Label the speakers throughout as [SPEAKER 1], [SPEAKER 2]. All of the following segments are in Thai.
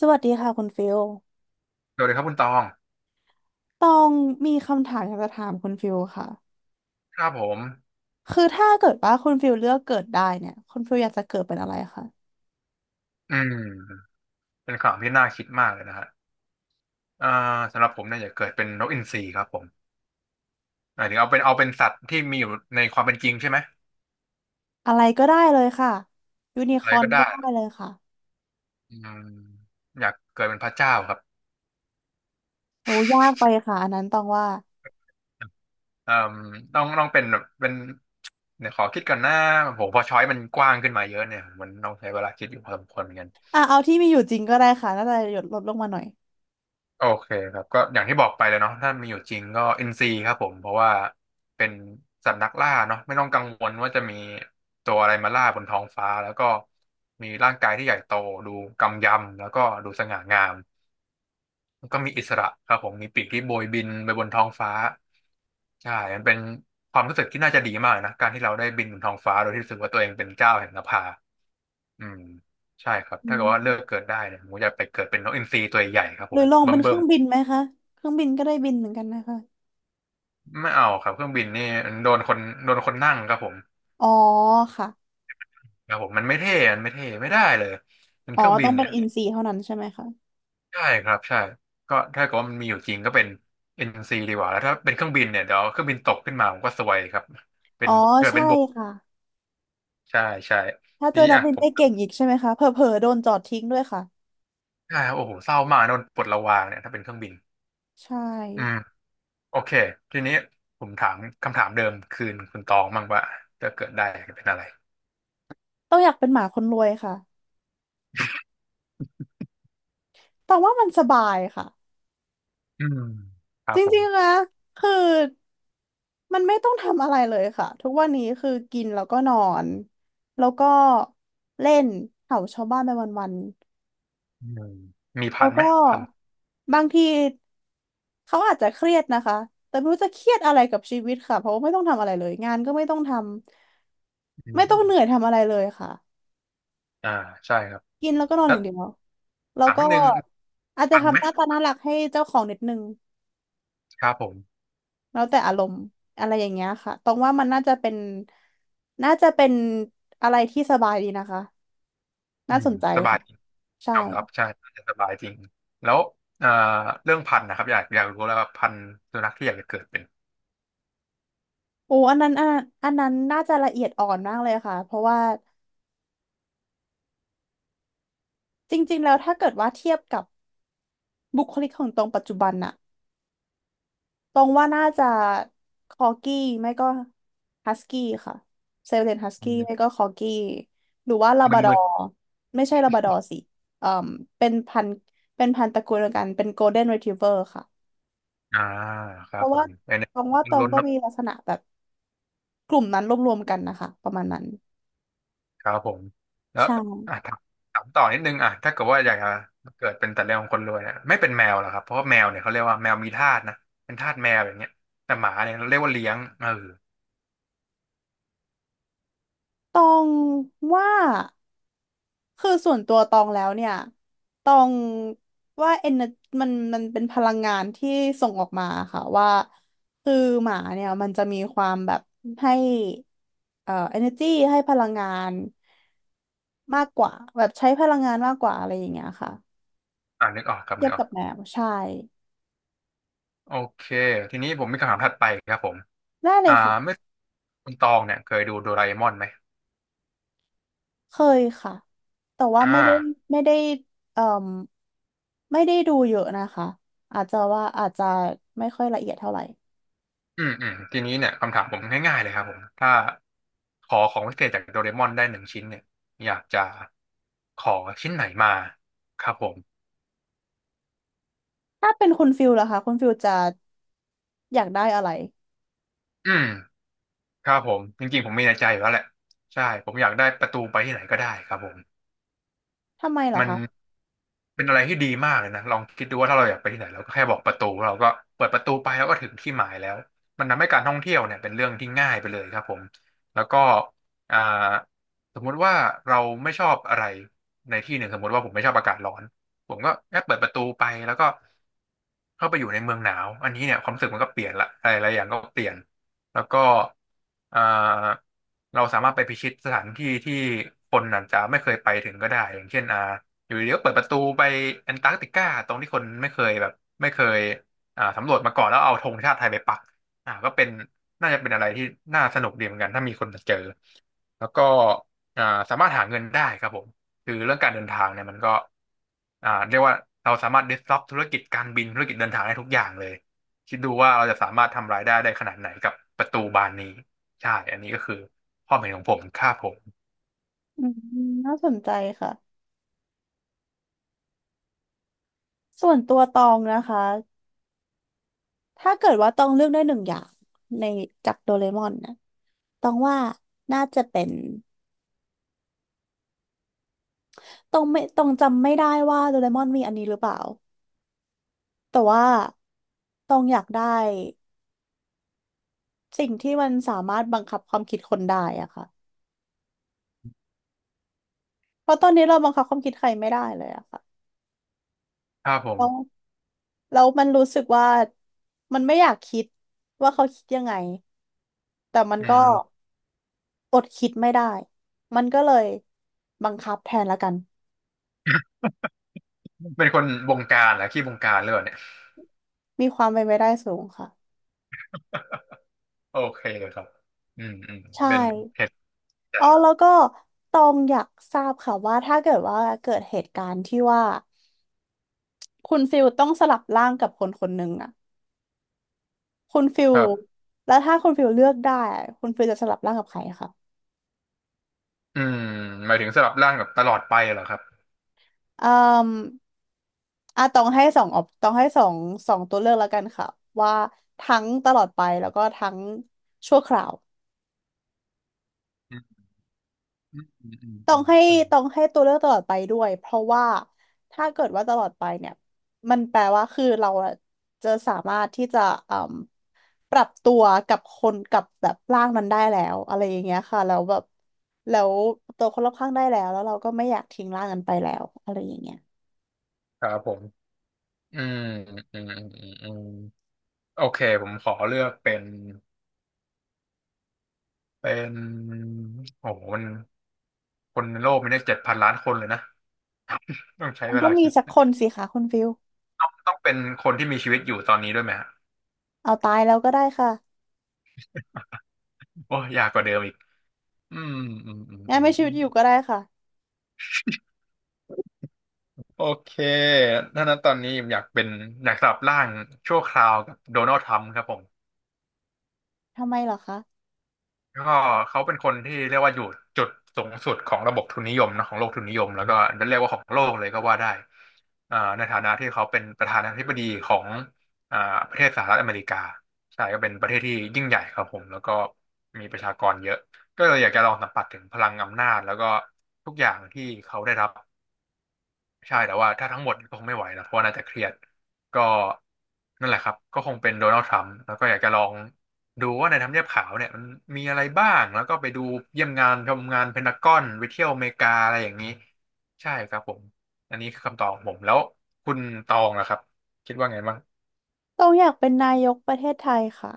[SPEAKER 1] สวัสดีค่ะคุณฟิล
[SPEAKER 2] สวัสดีครับคุณตอง
[SPEAKER 1] ตองมีคำถามอยากจะถามคุณฟิลค่ะ
[SPEAKER 2] ครับผม
[SPEAKER 1] คือถ้าเกิดว่าคุณฟิลเลือกเกิดได้เนี่ยคุณฟิลอยากจะเกิดเป็นอะไรคะ
[SPEAKER 2] อืมเป็นข่าวที่น่าคิดมากเลยนะฮะเอ่อสำหรับผมเนี่ยอย่าเกิดเป็นนกอินทรีครับผมหมายถึงเอาเป็นสัตว์ที่มีอยู่ในความเป็นจริงใช่ไหม
[SPEAKER 1] อะไรก็ได้เลยค่ะยูนิค
[SPEAKER 2] อะไร
[SPEAKER 1] อร์น
[SPEAKER 2] ก็
[SPEAKER 1] ก็
[SPEAKER 2] ได้
[SPEAKER 1] ได้เลยค่ะ
[SPEAKER 2] อืมอยากเกิดเป็นพระเจ้าครับ
[SPEAKER 1] โอ้ยากไปค่ะอันนั้นตองว่า
[SPEAKER 2] เอ่อต้องเป็นแบบเป็นเดี๋ยวขอคิดก่อนนะผมพอช้อยมันกว้างขึ้นมาเยอะเนี่ยมันต้องใช้เวลาคิดอยู่พอสมควรเหมือนกัน
[SPEAKER 1] อ่ะเอาที่มีอยู่จริงก็ได้ค่ะน่าจะหยดลดลงมาหน่อย
[SPEAKER 2] โอเคครับก็อย่างที่บอกไปเลยเนาะถ้ามีอยู่จริงก็อินซีครับผมเพราะว่าเป็นสัตว์นักล่าเนาะไม่ต้องกังวลว่าจะมีตัวอะไรมาล่าบนท้องฟ้าแล้วก็มีร่างกายที่ใหญ่โตดูกำยำแล้วก็ดูสง่างามแล้วก็มีอิสระครับผมมีปีกที่โบยบินไปบนท้องฟ้าใช่มันเป็นความรู้สึกที่น่าจะดีมากเลยนะการที่เราได้บินบนท้องฟ้าโดยที่รู้สึกว่าตัวเองเป็นเจ้าแห่งนภาอืมใช่ครับ
[SPEAKER 1] อื
[SPEAKER 2] ถ้าเกิดว่าเลือก
[SPEAKER 1] ม
[SPEAKER 2] เกิดได้เนี่ยผมอยากไปเกิดเป็นนกอินทรีตัวใหญ่ครับ
[SPEAKER 1] ห
[SPEAKER 2] ผ
[SPEAKER 1] รื
[SPEAKER 2] ม
[SPEAKER 1] อลอง
[SPEAKER 2] เบ
[SPEAKER 1] เป็นเค
[SPEAKER 2] ิ่
[SPEAKER 1] รื่
[SPEAKER 2] ม
[SPEAKER 1] องบิน
[SPEAKER 2] ๆ
[SPEAKER 1] ไหมคะเครื่องบินก็ได้บินเหมือนกันนะคะ
[SPEAKER 2] ไม่เอาครับเครื่องบินนี่มันโดนคนโดนคนนั่งครับผม
[SPEAKER 1] อ๋อค่ะ
[SPEAKER 2] ครับผมมันไม่เท่ไม่ได้เลยเป็น
[SPEAKER 1] อ๋
[SPEAKER 2] เค
[SPEAKER 1] อ
[SPEAKER 2] รื่องบิ
[SPEAKER 1] ต้อ
[SPEAKER 2] น
[SPEAKER 1] งเป็น
[SPEAKER 2] เนี่ย
[SPEAKER 1] อินซีเท่านั้นใช่ไหมคะ
[SPEAKER 2] ใช่ครับใช่ก็ถ้าเกิดว่ามันมีอยู่จริงก็เป็น NC ดีกว่าแล้วถ้าเป็นเครื่องบินเนี่ยเดี๋ยวเครื่องบินตกขึ้นมาผมก็ซวยครับเป็
[SPEAKER 1] อ๋
[SPEAKER 2] น
[SPEAKER 1] อ
[SPEAKER 2] เกิด
[SPEAKER 1] ใช่
[SPEAKER 2] เป็นบก
[SPEAKER 1] ค่ะ
[SPEAKER 2] ใช่ใช่
[SPEAKER 1] ถ้า
[SPEAKER 2] ที
[SPEAKER 1] เจอ
[SPEAKER 2] นี้
[SPEAKER 1] นัก
[SPEAKER 2] อ่ะ
[SPEAKER 1] บิน
[SPEAKER 2] ผ
[SPEAKER 1] ได้
[SPEAKER 2] ม
[SPEAKER 1] เก่งอีกใช่ไหมคะเผลอๆโดนจอดทิ้งด้วยค่ะ
[SPEAKER 2] ใช่โอ้โหเศร้ามากโดนปลดระวางเนี่ยถ้าเป็นเครื่องบิน
[SPEAKER 1] ใช่
[SPEAKER 2] อืมโอเคทีนี้ผมถามคำถามเดิมคืนคุณตองบ้างว่าจะเกิดได้เป็นอะไร
[SPEAKER 1] ต้องอยากเป็นหมาคนรวยค่ะ แต่ว่ามันสบายค่ะ
[SPEAKER 2] อืมครั
[SPEAKER 1] จ
[SPEAKER 2] บผม
[SPEAKER 1] ริงๆนะคือมันไม่ต้องทำอะไรเลยค่ะ ทุกวันนี้คือกินแล้วก็นอน แล้วก็เล่นเห่าชาวบ้านไปวัน
[SPEAKER 2] อืมมี
[SPEAKER 1] ๆ
[SPEAKER 2] พั
[SPEAKER 1] แล้ว
[SPEAKER 2] นไหม
[SPEAKER 1] ก็
[SPEAKER 2] พัน
[SPEAKER 1] บางทีเขาอาจจะเครียดนะคะ แต่ไม่รู้จะเครียดอะไรกับชีวิตค่ะเพราะว่าไม่ต้องทำอะไรเลยงานก็ไม่ต้องทำ
[SPEAKER 2] อื
[SPEAKER 1] ไม่ต้องเหนื่อย
[SPEAKER 2] ม
[SPEAKER 1] ทำอะไรเลยค่ะ
[SPEAKER 2] อ่าใช่ครับ
[SPEAKER 1] กินแล้วก็นอน
[SPEAKER 2] แล้
[SPEAKER 1] อ
[SPEAKER 2] ว
[SPEAKER 1] ย่างเดียว แล้ว
[SPEAKER 2] ถาม
[SPEAKER 1] ก็
[SPEAKER 2] นิดนึง
[SPEAKER 1] อาจจะ
[SPEAKER 2] ทันไห
[SPEAKER 1] ทำ
[SPEAKER 2] ม
[SPEAKER 1] หน้าตาน่ารักให้เจ้าของนิดนึง
[SPEAKER 2] ครับผม
[SPEAKER 1] แล้วแต่อารมณ์อะไรอย่างเงี้ยค่ะตรงว่ามันน่าจะเป็นน่าจะเป็นอะไรที่สบายดีนะคะ
[SPEAKER 2] อื
[SPEAKER 1] น่า
[SPEAKER 2] ม
[SPEAKER 1] สนใจ
[SPEAKER 2] สบาย
[SPEAKER 1] ค่ะ
[SPEAKER 2] จริง
[SPEAKER 1] ใช่
[SPEAKER 2] ยอมรับใช่น่าจะสบายจริงแล้วเอ่อเรื่องพันธุ์นะครับอยากรู้แล้วว่าพันธุ์สุนัขที่อยากจะเกิดเป็น
[SPEAKER 1] โอ้อันนั้นอ่ะอันนั้นน่าจะละเอียดอ่อนมากเลยค่ะเพราะว่าจริงๆแล้วถ้าเกิดว่าเทียบกับบุคลิกของตรงปัจจุบันน่ะตรงว่าน่าจะคอร์กี้ไม่ก็ฮัสกี้ค่ะเซลเลนฮัส
[SPEAKER 2] อื
[SPEAKER 1] กี้ไม่
[SPEAKER 2] ม
[SPEAKER 1] ก็คอร์กี้หรือว่าลาบราดอ
[SPEAKER 2] มึน
[SPEAKER 1] ร์ไม่ใช่ลาบราดอร์สิเอ่อเป็นพันธุ์เป็นพันธุ์ตระกูลเดียวกันเป็นโกลเด้นรีทรีเวอร์ค่ะ
[SPEAKER 2] ๆค
[SPEAKER 1] เพ
[SPEAKER 2] รับ
[SPEAKER 1] ราะ
[SPEAKER 2] ผ
[SPEAKER 1] ว่า
[SPEAKER 2] มไอ้นี่
[SPEAKER 1] ตองว่า
[SPEAKER 2] มั
[SPEAKER 1] ต
[SPEAKER 2] น
[SPEAKER 1] อง
[SPEAKER 2] ล้น
[SPEAKER 1] ก็
[SPEAKER 2] เนาะ
[SPEAKER 1] มีลักษณะแบบกลุ่มนั้นรวมๆกันนะคะประมาณนั้น
[SPEAKER 2] ครับผมแล้ว
[SPEAKER 1] ใช่
[SPEAKER 2] อ่ะถามต่อนิดนึงอ่ะถ้าเกิดว่าอยากจะเกิดเป็นแต่เรื่องของคนรวยเนี่ยไม่เป็นแมวหรอครับเพราะว่าแมวเนี่ยเขาเรียกว่าแมวมีทาสนะเป็นทาสแมวอย่างเงี้ยแต่หมาเนี่ยเราเรียกว่าเลี้ยงเออ
[SPEAKER 1] ตองว่าคือส่วนตัวตองแล้วเนี่ยตองว่าเอนมันมันเป็นพลังงานที่ส่งออกมาค่ะว่าคือหมาเนี่ยมันจะมีความแบบให้energy ให้พลังงานมากกว่าแบบใช้พลังงานมากกว่าอะไรอย่างเงี้ยค่ะ
[SPEAKER 2] นึกออกครับ
[SPEAKER 1] เที
[SPEAKER 2] นึ
[SPEAKER 1] ยบ
[SPEAKER 2] กออ
[SPEAKER 1] กั
[SPEAKER 2] ก
[SPEAKER 1] บแมวใช่
[SPEAKER 2] โอเคทีนี้ผมมีคำถามถัดไปครับผม
[SPEAKER 1] ได้เล
[SPEAKER 2] อ่า
[SPEAKER 1] ย
[SPEAKER 2] ไม่
[SPEAKER 1] ค่ะ
[SPEAKER 2] คุณตองเนี่ยเคยดูโดราเอมอนไหม
[SPEAKER 1] เคยค่ะ แต่ว่าไม่
[SPEAKER 2] อ่า
[SPEAKER 1] ได้ไม่ได้เอ่อไม่ได้ดูเยอะนะคะ อาจจะว่าอาจจะไม่ค่อยละเอียดเท่าไหร่
[SPEAKER 2] อืมอืมทีนี้เนี่ยคำถามผมง่ายๆเลยครับผมถ้าขอของพิเศษจากโดราเอมอนได้หนึ่งชิ้นเนี่ยอยากจะขอชิ้นไหนมาครับผม
[SPEAKER 1] ถ้าเป็นคุณฟิลล่ะคะคุณฟิลจะอยากได้อะไร
[SPEAKER 2] อืมครับผมจริงๆผมมีในใจอยู่แล้วแหละใช่ผมอยากได้ประตูไปที่ไหนก็ได้ครับผม
[SPEAKER 1] ทำไมเหรอ
[SPEAKER 2] มัน
[SPEAKER 1] คะ
[SPEAKER 2] เป็นอะไรที่ดีมากเลยนะลองคิดดูว่าถ้าเราอยากไปที่ไหนเราก็แค่บอกประตูเราก็เปิดประตูไปแล้วก็ถึงที่หมายแล้วมันทำให้การท่องเที่ยวเนี่ยเป็นเรื่องที่ง่ายไปเลยครับผมแล้วก็อ่าสมมุติว่าเราไม่ชอบอะไรในที่หนึ่งสมมุติว่าผมไม่ชอบอากาศร้อนผมก็แค่เปิดประตูไปแล้วก็ เข้าไปอยู่ในเมืองหนาวอันนี้เนี่ยความรู้สึกมันก็เปลี่ยนละอะไรหลายอย่างก็เปลี่ยนแล้วก็อ่าเราสามารถไปพิชิตสถานที่ที่คนอาจจะไม่เคยไปถึงก็ได้อย่างเช่นอยู่ดีๆก็เปิดประตูไปแอนตาร์กติกาตรงที่คนไม่เคยแบบไม่เคยสำรวจมาก่อนแล้วเอาธงชาติไทยไปปักก็เป็นน่าจะเป็นอะไรที่น่าสนุกดีเหมือนกันถ้ามีคนมาเจอ แล้วก็อ่าสามารถหาเงินได้ครับผมคือเรื่องการเดินทางเนี่ยมันก็เรียกว่าเราสามารถ disrupt ธุรกิจการบินธุรกิจเดินทางได้ทุกอย่างเลยคิดดูว่าเราจะสามารถทำรายได้ได้ขนาดไหนกับประตูบานนี้ใช่อันนี้ก็คือความเห็นของผมค่าผม
[SPEAKER 1] อืมน่าสนใจค่ะส่วนตัวตองนะคะ ถ้าเกิดว่าตองเลือกได้หนึ่งอย่างในจากโดเรมอนนะตองว่าน่าจะเป็นตองไม่ตองจำไม่ได้ว่าโดเรมอนมีอันนี้หรือเปล่าแต่ว่าตองอยากได้ สิ่งที่มันสามารถบังคับความคิดคนได้อะค่ะเพราะตอนนี้เราบังคับความคิดใครไม่ได้เลยอะค่ะ
[SPEAKER 2] ค่าผม
[SPEAKER 1] แล้วแล้วมันรู้สึกว่ามันไม่อยากคิดว่าเขาคิดยังไงแต่มัน
[SPEAKER 2] อื
[SPEAKER 1] ก็
[SPEAKER 2] ม
[SPEAKER 1] อดคิดไม่ได้ มันก็เลยบังคับแทนละกัน
[SPEAKER 2] เป็นคนบงการเหรอขี้บงการหรือเปล่าเนี่ย
[SPEAKER 1] มีความเป็นไปได้สูงค่ะ
[SPEAKER 2] โอเคครับอืมอืม
[SPEAKER 1] ใช่
[SPEAKER 2] เป็นเหตุใจ
[SPEAKER 1] อ๋อแล้วก็ตองอยากทราบค่ะว่าถ้าเกิดว่าเกิดเหตุการณ์ที่ว่าคุณฟิลต้องสลับร่างกับคนคนหนึ่งอะคุณฟิล
[SPEAKER 2] ครับ
[SPEAKER 1] แล้วถ้าคุณฟิลเลือกได้อะคุณฟิลจะสลับร่างกับใครคะ
[SPEAKER 2] อืมหมายถึงสลับร่างแบบตลอดไปเหรอครับ
[SPEAKER 1] เอ่ออ่ะต้องให้สองออปต้องให้สองสองตัวเลือกแล้วกันค่ะว่าทั้งตลอดไปแล้วก็ทั้งชั่วคราว
[SPEAKER 2] อืมอืมอืมอืม
[SPEAKER 1] ต้อ
[SPEAKER 2] อื
[SPEAKER 1] ง
[SPEAKER 2] ม
[SPEAKER 1] ให้
[SPEAKER 2] อืม
[SPEAKER 1] ต้องให้ตัวเลือกตลอดไปด้วยเพราะว่าถ้าเกิดว่าตลอดไปเนี่ยมันแปลว่าคือเราอะจะสามารถที่จะเอ่มปรับตัวกับคนกับแบบร่างนั้นได้แล้วอะไรอย่างเงี้ยค่ะแล้วแบบแล้วตัวคนรอบข้างได้แล้วแล้วเราก็ไม่อยากทิ้งร่างนั้นไปแล้วอะไรอย่างเงี้ย
[SPEAKER 2] ครับผม อืมอืมอืมอืมอืมโอเคผมขอเลือกเป็นโอ้โหมันคนในโลกมีได้7,000,000,000คนเลยนะต้องใช้
[SPEAKER 1] มัน
[SPEAKER 2] เว
[SPEAKER 1] ต้อ
[SPEAKER 2] ลา
[SPEAKER 1] งมี
[SPEAKER 2] คิด
[SPEAKER 1] สักคนสิคะคุณฟิล
[SPEAKER 2] ต้องเป็นคนที่มีชีวิตอยู่ตอนนี้ด้วยไหมฮะ
[SPEAKER 1] เอาตายแล้วก็ได้ค่ะ
[SPEAKER 2] โอ้ยากกว่าเดิมอีกอืมอืมอืม
[SPEAKER 1] งั้
[SPEAKER 2] อื
[SPEAKER 1] น
[SPEAKER 2] ม
[SPEAKER 1] ไม่ชี
[SPEAKER 2] อื
[SPEAKER 1] วิต
[SPEAKER 2] ม
[SPEAKER 1] อยู่ก็ได้ค่ะ
[SPEAKER 2] โอเคถ้านั้นตอนนี้ผมอยากสลับร่างชั่วคราวกับโดนัลด์ทรัมป์ครับผม
[SPEAKER 1] ทำไมเหรอคะ
[SPEAKER 2] ก็เขาเป็นคนที่เรียกว่าอยู่จุดสูงสุดของระบบทุนนิยมนะของโลกทุนนิยมแล้วก็เรียกว่าของโลกเลยก็ว่าได้ในฐานะที่เขาเป็นประธานาธิบดีของอ่าประเทศสหรัฐอเมริกาใช่ก็เป็นประเทศที่ยิ่งใหญ่ครับผมแล้วก็มีประชากรเยอะก็เลยอยากจะลองสัมผัสถึงพลังอำนาจแล้วก็ทุกอย่างที่เขาได้รับ ใช่แต่ว่าถ้าทั้งหมดก็คงไม่ไหวนะเพราะว่าน่าจะเครียดก็นั่นแหละครับก็คงเป็นโดนัลด์ทรัมป์แล้วก็อยากจะลองดูว่าในทำเนียบขาวเนี่ยมันมีอะไรบ้างแล้วก็ไปดูเยี่ยมงานชมงานเพนทากอนไปเที่ยวอเมริกาอะไรอย่างนี้ใช่ครับผมอันนี้คือคำตอบของผมแล้วคุณตองนะครับคิดว่าไงบ้าง
[SPEAKER 1] ต้องอยากเป็นนายกประเทศไทยค่ะ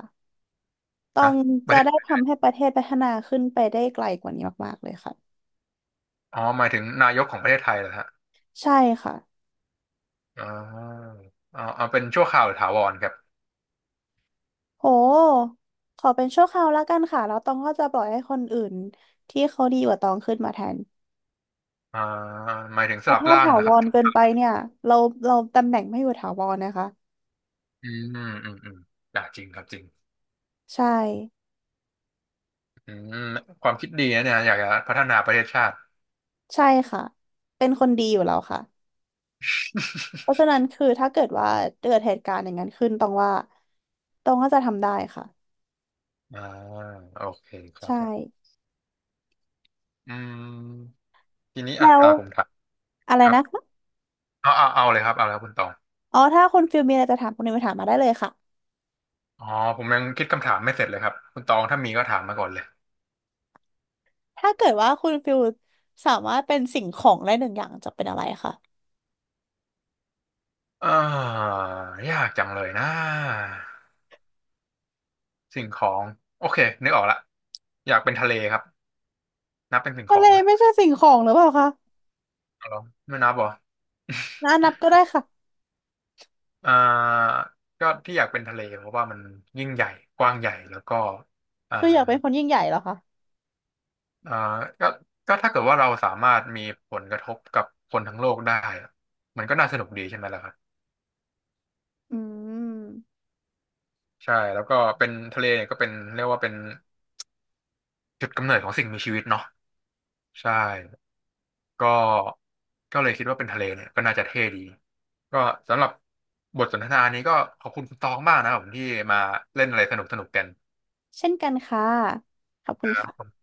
[SPEAKER 1] ต้อ
[SPEAKER 2] ฮะ
[SPEAKER 1] ง
[SPEAKER 2] ป
[SPEAKER 1] จะ
[SPEAKER 2] ระเทศ
[SPEAKER 1] ได้ทำให้ประเทศพัฒนาขึ้นไปได้ไกลกว่านี้มากๆเลยค่ะ
[SPEAKER 2] อ๋อหมายถึงนายกของประเทศไทยเหรอฮะ
[SPEAKER 1] ใช่ค่ะ
[SPEAKER 2] อ๋อเอาเป็นชั่วคราวหรือถาวรครับ
[SPEAKER 1] โหขอเป็นชั่วคราวแล้วกันค่ะแล้วตองก็จะปล่อยให้คนอื่นที่เขาดีกว่าตองขึ้นมาแทน
[SPEAKER 2] อ่าหมายถึง
[SPEAKER 1] เพ
[SPEAKER 2] ส
[SPEAKER 1] ราะ
[SPEAKER 2] ลับ
[SPEAKER 1] ถ้า
[SPEAKER 2] ร่าง
[SPEAKER 1] ถา
[SPEAKER 2] นะค
[SPEAKER 1] ว
[SPEAKER 2] รับ
[SPEAKER 1] รเกินไปเนี่ยเราเราตำแหน่งไม่อยู่ถาวรนะคะ
[SPEAKER 2] อืมอืมอืมอ่าจริงครับจริง
[SPEAKER 1] ใช่
[SPEAKER 2] อืมความคิดดีนะเนี่ยอยากจะพัฒนาประเทศชาติ
[SPEAKER 1] ใช่ค่ะเป็นคนดีอยู่แล้วค่ะ เพราะฉะนั้นคือถ้าเกิดว่าเกิดเหตุการณ์อย่างนั้นขึ้นต้องว่าต้องก็จะทำได้ค่ะ
[SPEAKER 2] อ่าโอเคครับ
[SPEAKER 1] ใช่
[SPEAKER 2] ผมอืมทีนี้อ่ะ
[SPEAKER 1] แล้ว
[SPEAKER 2] ตาผมถาม
[SPEAKER 1] อะไร
[SPEAKER 2] ครับ
[SPEAKER 1] นะคะ
[SPEAKER 2] เอาเลยครับเอาแล้วคุณตอง
[SPEAKER 1] อ๋อถ้าคุณฟิลมีอะไรจะถามคุณนิวถามมาได้เลยค่ะ
[SPEAKER 2] อ๋อผมยังคิดคำถามไม่เสร็จเลยครับคุณตองถ้ามีก็ถามมาก่อนเลย
[SPEAKER 1] ถ้าเกิดว่าคุณฟิลสามารถเป็นสิ่งของได้หนึ่งอย่างจะเป็นอะไรคะ
[SPEAKER 2] อ่ายากจังเลยนะสิ่งของโอเคนึกออกละอยากเป็นทะเลครับนับเป็นสิ่งข
[SPEAKER 1] ทะ
[SPEAKER 2] อ
[SPEAKER 1] เล
[SPEAKER 2] งไหม
[SPEAKER 1] ไม่ใช่สิ่งของหรือเปล่าคะ
[SPEAKER 2] เอาลองไม่นับเหรอ
[SPEAKER 1] นะนับก็ได้ค่ะ
[SPEAKER 2] อ่าก็ที่อยากเป็นทะเลเพราะว่ามันยิ่งใหญ่กว้างใหญ่แล้วก็อ่า
[SPEAKER 1] คืออยากเป็นคนยิ่งใหญ่เหรอคะ
[SPEAKER 2] อ่าก็ถ้าเกิดว่าเราสามารถมีผลกระทบกับคนทั้งโลกได้อะมันก็น่าสนุกดีใช่ไหมล่ะครับ
[SPEAKER 1] อืม
[SPEAKER 2] ใช่แล้วก็เป็นทะเลเนี่ยก็เป็นเรียกว่าเป็นจุดกำเนิดของสิ่งมีชีวิตเนาะใช่ก็ก็เลยคิดว่าเป็นทะเลเนี่ยก็น่าจะเท่ดีก็สำหรับบทสนทนานี้ก็ขอบคุณคุณตองมากนะครับผมที่มาเล่นอะไรสนุกสนุกกัน
[SPEAKER 1] เช่นกันค่ะขอบคุณค่ะ